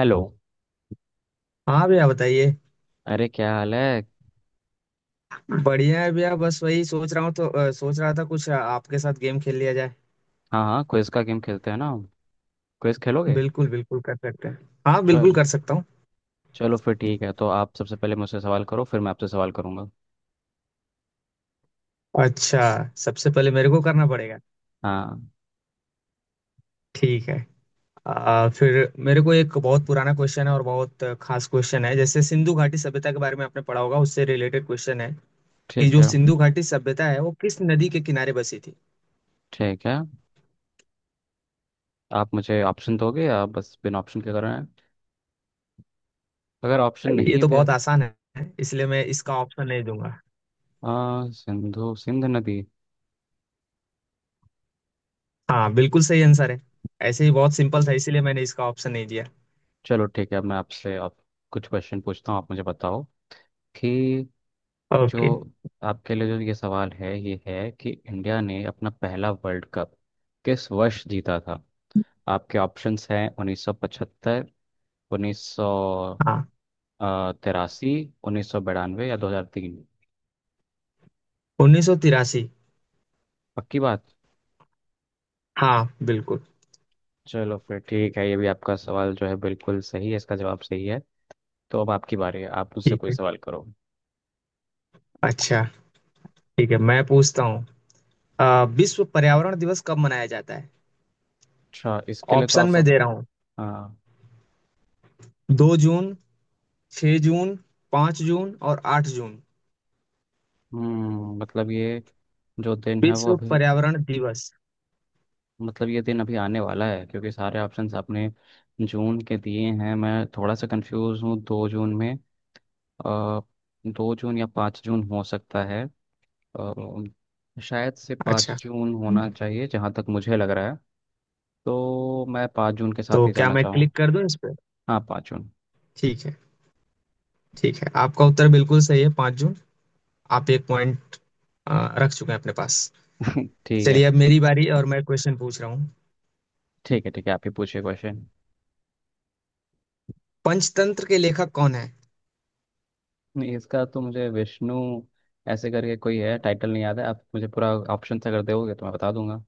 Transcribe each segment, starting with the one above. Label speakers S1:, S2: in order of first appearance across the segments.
S1: Hello.
S2: हाँ भैया बताइए।
S1: अरे, क्या हाल है?
S2: बढ़िया है भैया, बस वही सोच रहा हूँ तो सोच रहा था कुछ आपके साथ गेम खेल लिया जाए।
S1: हाँ हाँ, क्विज का गेम खेलते हैं ना? क्विज खेलोगे?
S2: बिल्कुल बिल्कुल कर सकते हैं। हाँ बिल्कुल
S1: चल,
S2: कर सकता हूँ।
S1: चलो फिर ठीक है। तो आप सबसे पहले मुझसे सवाल करो, फिर मैं आपसे सवाल करूँगा।
S2: अच्छा। सबसे पहले मेरे को करना पड़ेगा।
S1: हाँ,
S2: ठीक है। फिर मेरे को एक बहुत पुराना क्वेश्चन है और बहुत खास क्वेश्चन है। जैसे सिंधु घाटी सभ्यता के बारे में आपने पढ़ा होगा, उससे रिलेटेड क्वेश्चन है कि
S1: ठीक
S2: जो
S1: है।
S2: सिंधु घाटी सभ्यता है वो किस नदी के किनारे बसी थी।
S1: ठीक है, आप मुझे ऑप्शन दोगे या बस बिना ऑप्शन के कर रहे हैं? अगर ऑप्शन
S2: ये
S1: नहीं
S2: तो
S1: दे-
S2: बहुत आसान है इसलिए मैं इसका ऑप्शन नहीं दूंगा।
S1: सिंधु सिंध नदी।
S2: हाँ, बिल्कुल सही आंसर है। ऐसे ही बहुत सिंपल था इसीलिए मैंने इसका ऑप्शन नहीं दिया।
S1: चलो ठीक है, मैं आपसे आप कुछ क्वेश्चन पूछता हूँ, आप मुझे बताओ कि जो
S2: ओके।
S1: आपके लिए जो ये सवाल है ये है कि इंडिया ने अपना पहला वर्ल्ड कप किस वर्ष जीता था। आपके ऑप्शंस हैं 1975, उन्नीस सौ
S2: हाँ।
S1: तिरासी 1992 या 2003।
S2: 1983।
S1: पक्की बात?
S2: हाँ बिल्कुल।
S1: चलो फिर ठीक है, ये भी आपका सवाल जो है बिल्कुल सही है, इसका जवाब सही है। तो अब आपकी बारी है, आप मुझसे कोई
S2: ठीक है।
S1: सवाल करो।
S2: अच्छा। ठीक है, मैं पूछता हूँ। विश्व पर्यावरण दिवस कब मनाया जाता है?
S1: अच्छा, इसके लिए तो
S2: ऑप्शन
S1: आप-
S2: मैं दे रहा हूँ।
S1: हाँ।
S2: 2 जून, 6 जून, 5 जून और 8 जून।
S1: हम्म, मतलब ये जो दिन है वो
S2: विश्व
S1: अभी-
S2: पर्यावरण दिवस।
S1: मतलब ये दिन अभी आने वाला है, क्योंकि सारे ऑप्शंस आपने जून के दिए हैं। मैं थोड़ा सा कंफ्यूज हूँ, 2 जून में अ, 2 जून या 5 जून हो सकता है। शायद से पाँच
S2: अच्छा।
S1: जून होना चाहिए, जहाँ तक मुझे लग रहा है। तो मैं पाँच जून के साथ
S2: तो
S1: ही
S2: क्या
S1: जाना
S2: मैं
S1: चाहूँ।
S2: क्लिक कर दूं इस पे?
S1: हाँ, 5 जून।
S2: ठीक है। ठीक है, आपका उत्तर बिल्कुल सही है, 5 जून। आप एक पॉइंट रख चुके हैं अपने पास।
S1: ठीक है।
S2: चलिए अब मेरी बारी, और मैं क्वेश्चन पूछ रहा हूँ।
S1: ठीक है ठीक है, आप ही पूछिए क्वेश्चन।
S2: पंचतंत्र के लेखक कौन है?
S1: नहीं, इसका तो मुझे विष्णु ऐसे करके कोई है, टाइटल नहीं याद है। आप मुझे पूरा ऑप्शन अगर दोगे तो मैं बता दूंगा।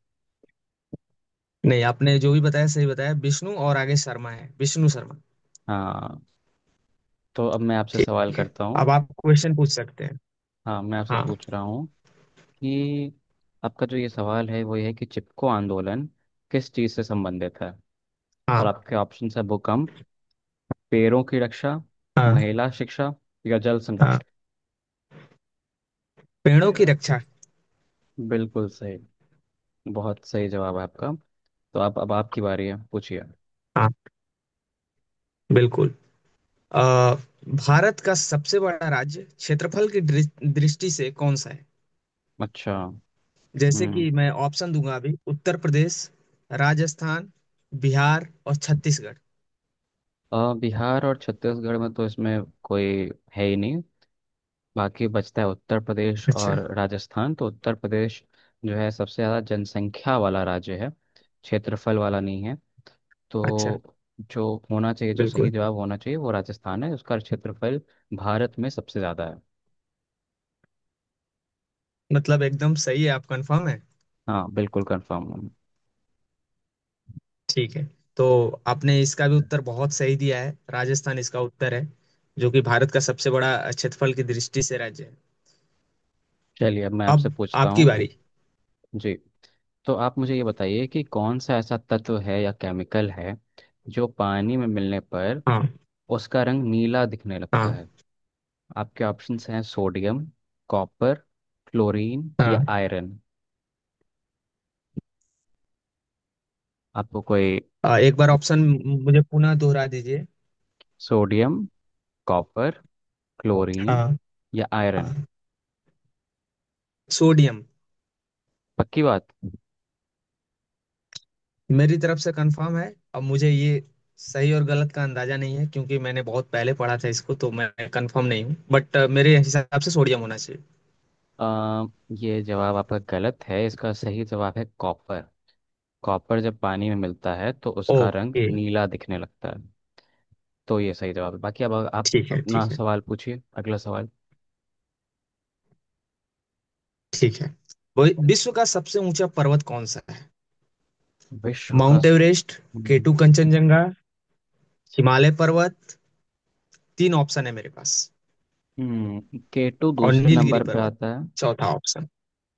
S2: नहीं, आपने जो भी बताया सही बताया, विष्णु, और आगे शर्मा है, विष्णु शर्मा।
S1: हाँ, तो अब मैं आपसे सवाल
S2: ठीक है।
S1: करता हूँ।
S2: अब आप क्वेश्चन पूछ सकते हैं।
S1: हाँ, मैं आपसे
S2: हाँ।
S1: पूछ रहा हूँ कि आपका जो ये सवाल है वो ये है कि चिपको आंदोलन किस चीज़ से संबंधित है। और
S2: हाँ।
S1: आपके ऑप्शन है भूकंप, पेड़ों की रक्षा,
S2: हाँ।
S1: महिला शिक्षा या जल
S2: हाँ। पेड़ों की
S1: संरक्षण।
S2: रक्षा।
S1: बिल्कुल सही, बहुत सही जवाब है आपका। तो आप अब आपकी बारी है, पूछिए।
S2: हाँ बिल्कुल। अ, भारत का सबसे बड़ा राज्य क्षेत्रफल की दृष्टि से कौन सा है?
S1: अच्छा।
S2: जैसे
S1: हम्म।
S2: कि मैं ऑप्शन दूंगा अभी। उत्तर प्रदेश, राजस्थान, बिहार और छत्तीसगढ़।
S1: बिहार और छत्तीसगढ़ में तो इसमें कोई है ही नहीं। बाकी बचता है उत्तर प्रदेश
S2: अच्छा।
S1: और राजस्थान, तो उत्तर प्रदेश जो है सबसे ज़्यादा जनसंख्या वाला राज्य है, क्षेत्रफल वाला नहीं है।
S2: अच्छा।
S1: तो जो होना चाहिए, जो सही
S2: बिल्कुल।
S1: जवाब होना चाहिए वो राजस्थान है। उसका क्षेत्रफल भारत में सबसे ज़्यादा है।
S2: मतलब एकदम सही है? आप कंफर्म है?
S1: हाँ, बिल्कुल कंफर्म हूँ।
S2: ठीक है। तो आपने इसका भी उत्तर बहुत सही दिया है, राजस्थान इसका उत्तर है, जो कि भारत का सबसे बड़ा क्षेत्रफल की दृष्टि से राज्य है।
S1: चलिए अब मैं आपसे
S2: अब
S1: पूछता
S2: आपकी
S1: हूँ।
S2: बारी।
S1: जी, तो आप मुझे ये बताइए कि कौन सा ऐसा तत्व है या केमिकल है जो पानी में मिलने पर
S2: हाँ।
S1: उसका रंग नीला दिखने लगता
S2: हाँ।
S1: है। आपके ऑप्शंस हैं सोडियम, कॉपर, क्लोरीन या
S2: हाँ।
S1: आयरन। आपको कोई-
S2: एक बार ऑप्शन मुझे पुनः दोहरा दीजिए।
S1: सोडियम, कॉपर, क्लोरीन
S2: हाँ।
S1: या आयरन।
S2: हाँ। सोडियम।
S1: पक्की बात?
S2: मेरी तरफ से कंफर्म है। अब मुझे ये सही और गलत का अंदाजा नहीं है, क्योंकि मैंने बहुत पहले पढ़ा था इसको, तो मैं कंफर्म नहीं हूँ, बट मेरे हिसाब से सोडियम होना चाहिए।
S1: अ, ये जवाब आपका गलत है, इसका सही जवाब है कॉपर। कॉपर जब पानी में मिलता है तो उसका रंग
S2: ओके।
S1: नीला दिखने लगता है। तो ये सही जवाब है। बाकी अब आप
S2: ठीक है।
S1: अपना
S2: ठीक है।
S1: सवाल पूछिए, अगला सवाल।
S2: ठीक है। विश्व का सबसे ऊंचा पर्वत कौन सा है?
S1: विश्व का-
S2: माउंट एवरेस्ट।
S1: हम्म।
S2: केटू, कंचनजंगा, हिमालय पर्वत। तीन ऑप्शन है मेरे पास।
S1: केटू
S2: और
S1: दूसरे
S2: नीलगिरी
S1: नंबर पे
S2: पर्वत,
S1: आता है।
S2: चौथा ऑप्शन।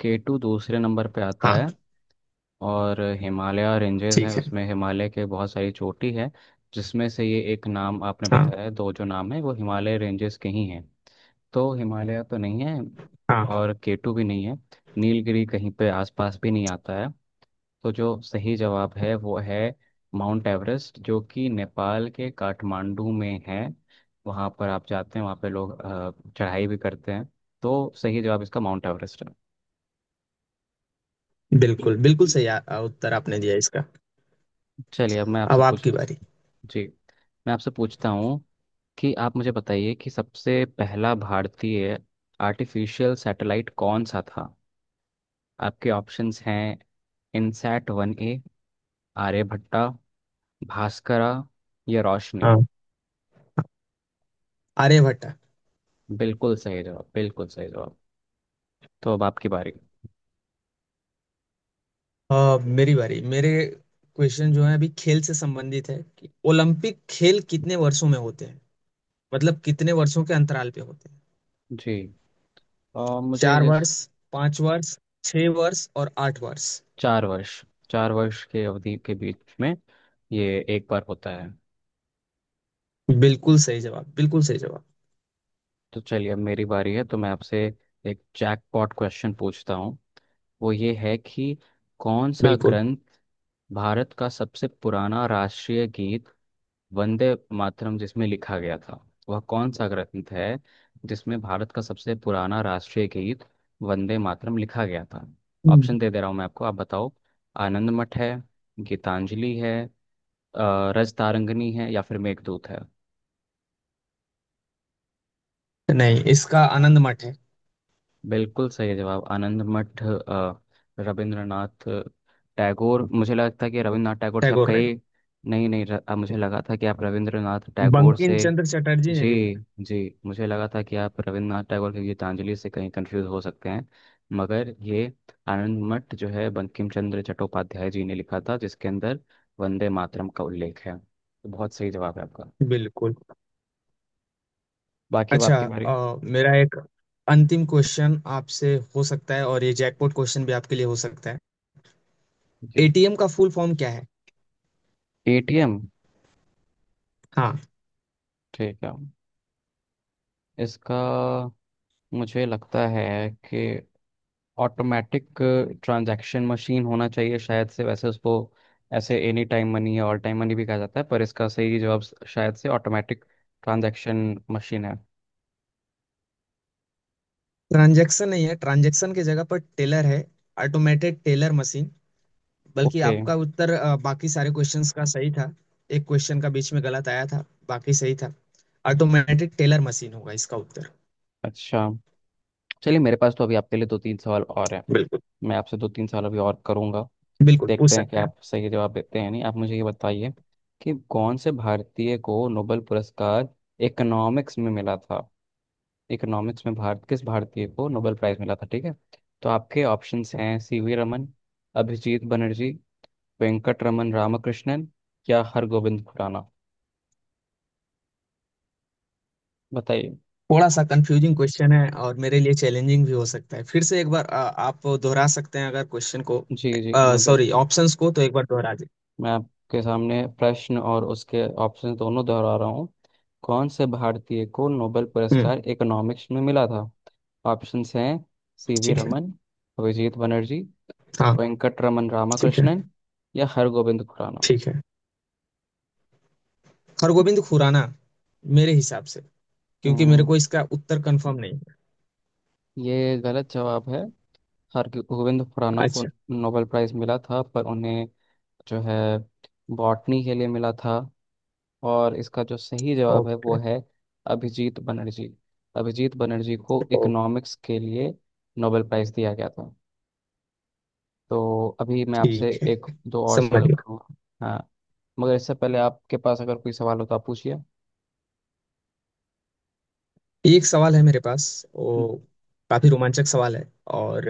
S1: केटू दूसरे नंबर पे आता
S2: हाँ।
S1: है। और हिमालय रेंजेस हैं,
S2: ठीक है।
S1: उसमें हिमालय के बहुत सारी चोटी है, जिसमें से ये एक नाम आपने
S2: हाँ।
S1: बताया है, दो जो नाम है वो हिमालय रेंजेस के ही हैं। तो हिमालय तो नहीं है,
S2: हाँ,
S1: और केटू भी नहीं है। नीलगिरी कहीं पे आसपास भी नहीं आता है। तो जो सही जवाब है वो है माउंट एवरेस्ट, जो कि नेपाल के काठमांडू में है। वहाँ पर आप जाते हैं, वहाँ पे लोग चढ़ाई भी करते हैं। तो सही जवाब इसका माउंट एवरेस्ट है।
S2: बिल्कुल बिल्कुल सही आ, आ, उत्तर आपने दिया इसका।
S1: चलिए अब मैं
S2: अब
S1: आपसे पूछ-
S2: आपकी बारी।
S1: जी, मैं आपसे पूछता हूँ कि आप मुझे बताइए कि सबसे पहला भारतीय आर्टिफिशियल सैटेलाइट कौन सा था। आपके ऑप्शंस हैं INSAT-1A, आर्यभट्टा, भास्करा या रोशनी।
S2: हाँ। आर्यभट्ट।
S1: बिल्कुल सही जवाब, बिल्कुल सही जवाब। तो अब आपकी बारी।
S2: मेरी बारी। मेरे क्वेश्चन जो है अभी खेल से संबंधित है कि ओलंपिक खेल कितने वर्षों में होते हैं, मतलब कितने वर्षों के अंतराल पे होते हैं।
S1: जी, मुझे
S2: चार
S1: जिस-
S2: वर्ष 5 वर्ष, 6 वर्ष और 8 वर्ष।
S1: 4 वर्ष। 4 वर्ष के अवधि के बीच में ये एक बार होता है।
S2: बिल्कुल सही जवाब, बिल्कुल सही जवाब।
S1: तो चलिए अब मेरी बारी है, तो मैं आपसे एक जैकपॉट क्वेश्चन पूछता हूँ। वो ये है कि कौन सा
S2: बिल्कुल।
S1: ग्रंथ- भारत का सबसे पुराना राष्ट्रीय गीत वंदे मातरम जिसमें लिखा गया था, वह कौन सा ग्रंथ है जिसमें भारत का सबसे पुराना राष्ट्रीय गीत वंदे मातरम लिखा गया था। ऑप्शन दे दे रहा हूँ मैं आपको, आप बताओ। आनंद मठ है, गीतांजलि है, रजतारंगिणी है या फिर मेघदूत है।
S2: नहीं, इसका आनंद मठ है।
S1: बिल्कुल सही जवाब, आनंद मठ। रविंद्रनाथ टैगोर, मुझे लगता है कि रविंद्रनाथ टैगोर से आप
S2: टैगोर ने
S1: कहे- नहीं नहीं, मुझे लगा था कि आप रविंद्रनाथ
S2: लिखा,
S1: टैगोर
S2: बंकिम
S1: से-
S2: चंद्र चटर्जी ने लिखा।
S1: जी, जी, मुझे लगा था कि आप रविंद्रनाथ टैगोर की गीतांजलि से कहीं कंफ्यूज हो सकते हैं, मगर ये आनंद मठ जो है बंकिम चंद्र चट्टोपाध्याय जी ने लिखा था, जिसके अंदर वंदे मातरम का उल्लेख है। तो बहुत सही जवाब है आपका।
S2: है। बिल्कुल।
S1: बाकी अब
S2: अच्छा।
S1: आपकी बारी।
S2: मेरा एक अंतिम क्वेश्चन आपसे हो सकता है, और ये जैकपॉट क्वेश्चन भी आपके लिए हो सकता है।
S1: जी।
S2: एटीएम का फुल फॉर्म क्या है?
S1: एटीएम।
S2: हाँ।
S1: ठीक है, इसका मुझे लगता है कि ऑटोमेटिक ट्रांजैक्शन मशीन होना चाहिए शायद से। वैसे उसको ऐसे एनी टाइम मनी या ऑल टाइम मनी भी कहा जाता है, पर इसका सही जवाब शायद से ऑटोमेटिक ट्रांजैक्शन मशीन है।
S2: ट्रांजैक्शन नहीं है, ट्रांजैक्शन की जगह पर टेलर है। Automated teller machine. बल्कि
S1: ओके।
S2: आपका उत्तर बाकी सारे क्वेश्चंस का सही था। एक क्वेश्चन का बीच में गलत आया था, बाकी सही था। ऑटोमेटेड टेलर मशीन होगा इसका उत्तर।
S1: अच्छा। चलिए, मेरे पास तो अभी आपके लिए दो तीन सवाल और हैं,
S2: बिल्कुल।
S1: मैं आपसे दो तीन सवाल अभी और करूंगा।
S2: बिल्कुल पूछ
S1: देखते हैं कि
S2: सकते हैं।
S1: आप सही जवाब देते हैं या नहीं। आप मुझे ये बताइए कि कौन से भारतीय को नोबेल पुरस्कार इकोनॉमिक्स में मिला था। इकोनॉमिक्स में भारत- किस भारतीय को नोबेल प्राइज मिला था, ठीक है? तो आपके ऑप्शंस हैं सीवी रमन, अभिजीत बनर्जी, वेंकट रमन रामकृष्णन या हरगोविंद खुराना। बताइए।
S2: थोड़ा सा कंफ्यूजिंग क्वेश्चन है, और मेरे लिए चैलेंजिंग भी हो सकता है। फिर से एक बार आप दोहरा सकते हैं अगर क्वेश्चन को?
S1: जी जी, मैं
S2: सॉरी,
S1: बिल्कुल-
S2: ऑप्शंस को तो एक बार दोहरा दें।
S1: मैं आपके सामने प्रश्न और उसके ऑप्शन दोनों दोहरा रहा हूँ। कौन से भारतीय को नोबेल
S2: हम्म।
S1: पुरस्कार इकोनॉमिक्स में मिला था। ऑप्शंस हैं सीवी
S2: ठीक है।
S1: रमन, अभिजीत बनर्जी,
S2: हाँ।
S1: वेंकट रमन
S2: ठीक है।
S1: रामकृष्णन या हरगोविंद खुराना।
S2: ठीक है, हरगोविंद खुराना मेरे हिसाब से, क्योंकि मेरे
S1: हम्म,
S2: को इसका उत्तर कंफर्म नहीं है।
S1: ये गलत जवाब है। हरगोविंद खुराना को
S2: अच्छा।
S1: नोबेल प्राइज मिला था, पर उन्हें जो है बॉटनी के लिए मिला था। और इसका जो सही जवाब है वो
S2: ओके।
S1: है अभिजीत बनर्जी। अभिजीत बनर्जी को
S2: ओके।
S1: इकोनॉमिक्स के लिए नोबेल प्राइज दिया गया था। तो अभी मैं आपसे
S2: ठीक है।
S1: एक दो और
S2: समझ।
S1: सवाल करूँगा। हाँ, मगर इससे पहले आपके पास अगर कोई सवाल हो तो आप पूछिए।
S2: ये एक सवाल है मेरे पास। वो काफी रोमांचक सवाल है। और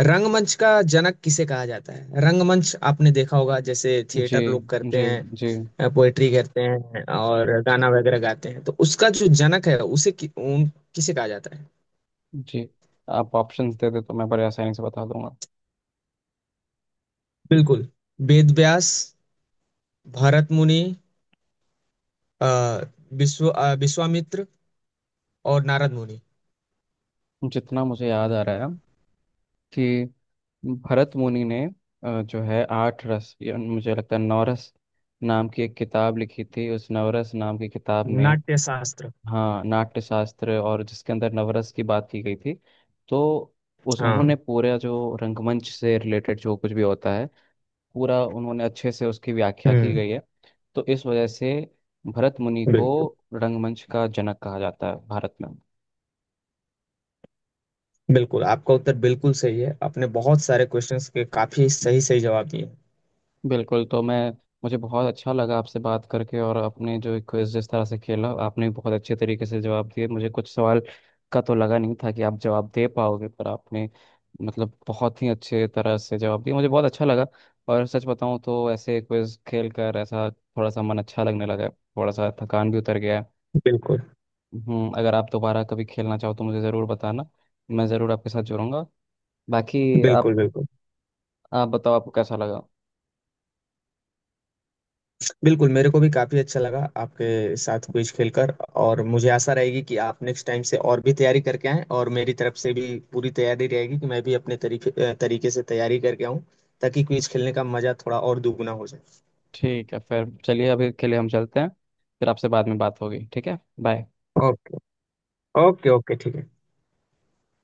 S2: रंगमंच का जनक किसे कहा जाता है? रंगमंच आपने देखा होगा, जैसे
S1: जी,
S2: थिएटर लोग करते
S1: जी, जी,
S2: हैं, पोएट्री करते हैं और गाना वगैरह गाते हैं, तो उसका जो जनक है उसे किसे कहा जाता है?
S1: जी, आप ऑप्शंस दे दे तो मैं बड़े आसानी से बता दूंगा।
S2: बिल्कुल। वेद व्यास, भरत मुनि, अ, विश्वामित्र और नारद मुनि।
S1: जितना मुझे याद आ रहा है कि भरत मुनि ने जो है आठ रस या मुझे लगता है नवरस नाम की एक किताब लिखी थी। उस नवरस नाम की किताब में-
S2: नाट्य शास्त्र।
S1: हाँ, नाट्य शास्त्र। और जिसके अंदर नवरस की बात की गई थी, तो उस
S2: हाँ।
S1: उन्होंने पूरा जो रंगमंच से रिलेटेड जो कुछ भी होता है पूरा उन्होंने अच्छे से उसकी व्याख्या की
S2: हम्म।
S1: गई है। तो इस वजह से भरत मुनि को
S2: बिल्कुल।
S1: रंगमंच का जनक कहा जाता है भारत में।
S2: बिल्कुल, आपका उत्तर बिल्कुल सही है। आपने बहुत सारे क्वेश्चंस के काफी सही सही जवाब दिए।
S1: बिल्कुल, तो मैं मुझे बहुत अच्छा लगा आपसे बात करके, और अपने जो क्विज जिस तरह से खेला, आपने भी बहुत अच्छे तरीके से जवाब दिए। मुझे कुछ सवाल का तो लगा नहीं था कि आप जवाब दे पाओगे, पर आपने मतलब बहुत ही अच्छे तरह से जवाब दिया, मुझे बहुत अच्छा लगा। और सच बताऊं तो ऐसे क्विज खेल कर ऐसा थोड़ा सा मन अच्छा लगने लगा है, थोड़ा सा थकान भी उतर गया है।
S2: बिल्कुल
S1: हम्म, अगर आप दोबारा कभी खेलना चाहो तो मुझे ज़रूर बताना, मैं ज़रूर आपके साथ जुड़ूंगा। बाकी आप-
S2: बिल्कुल। बिल्कुल।
S1: आप बताओ आपको कैसा लगा।
S2: बिल्कुल मेरे को भी काफी अच्छा लगा आपके साथ क्विज खेलकर। और मुझे आशा रहेगी कि आप नेक्स्ट टाइम से और भी तैयारी करके आएं, और मेरी तरफ से भी पूरी तैयारी रहेगी कि मैं भी अपने तरीके से तैयारी करके आऊं, ताकि क्विज खेलने का मजा थोड़ा और दुगुना हो जाए।
S1: ठीक है, फिर चलिए अभी के लिए हम चलते हैं, फिर आपसे बाद में बात होगी। ठीक है, बाय।
S2: ओके। ओके। ओके। ठीक है।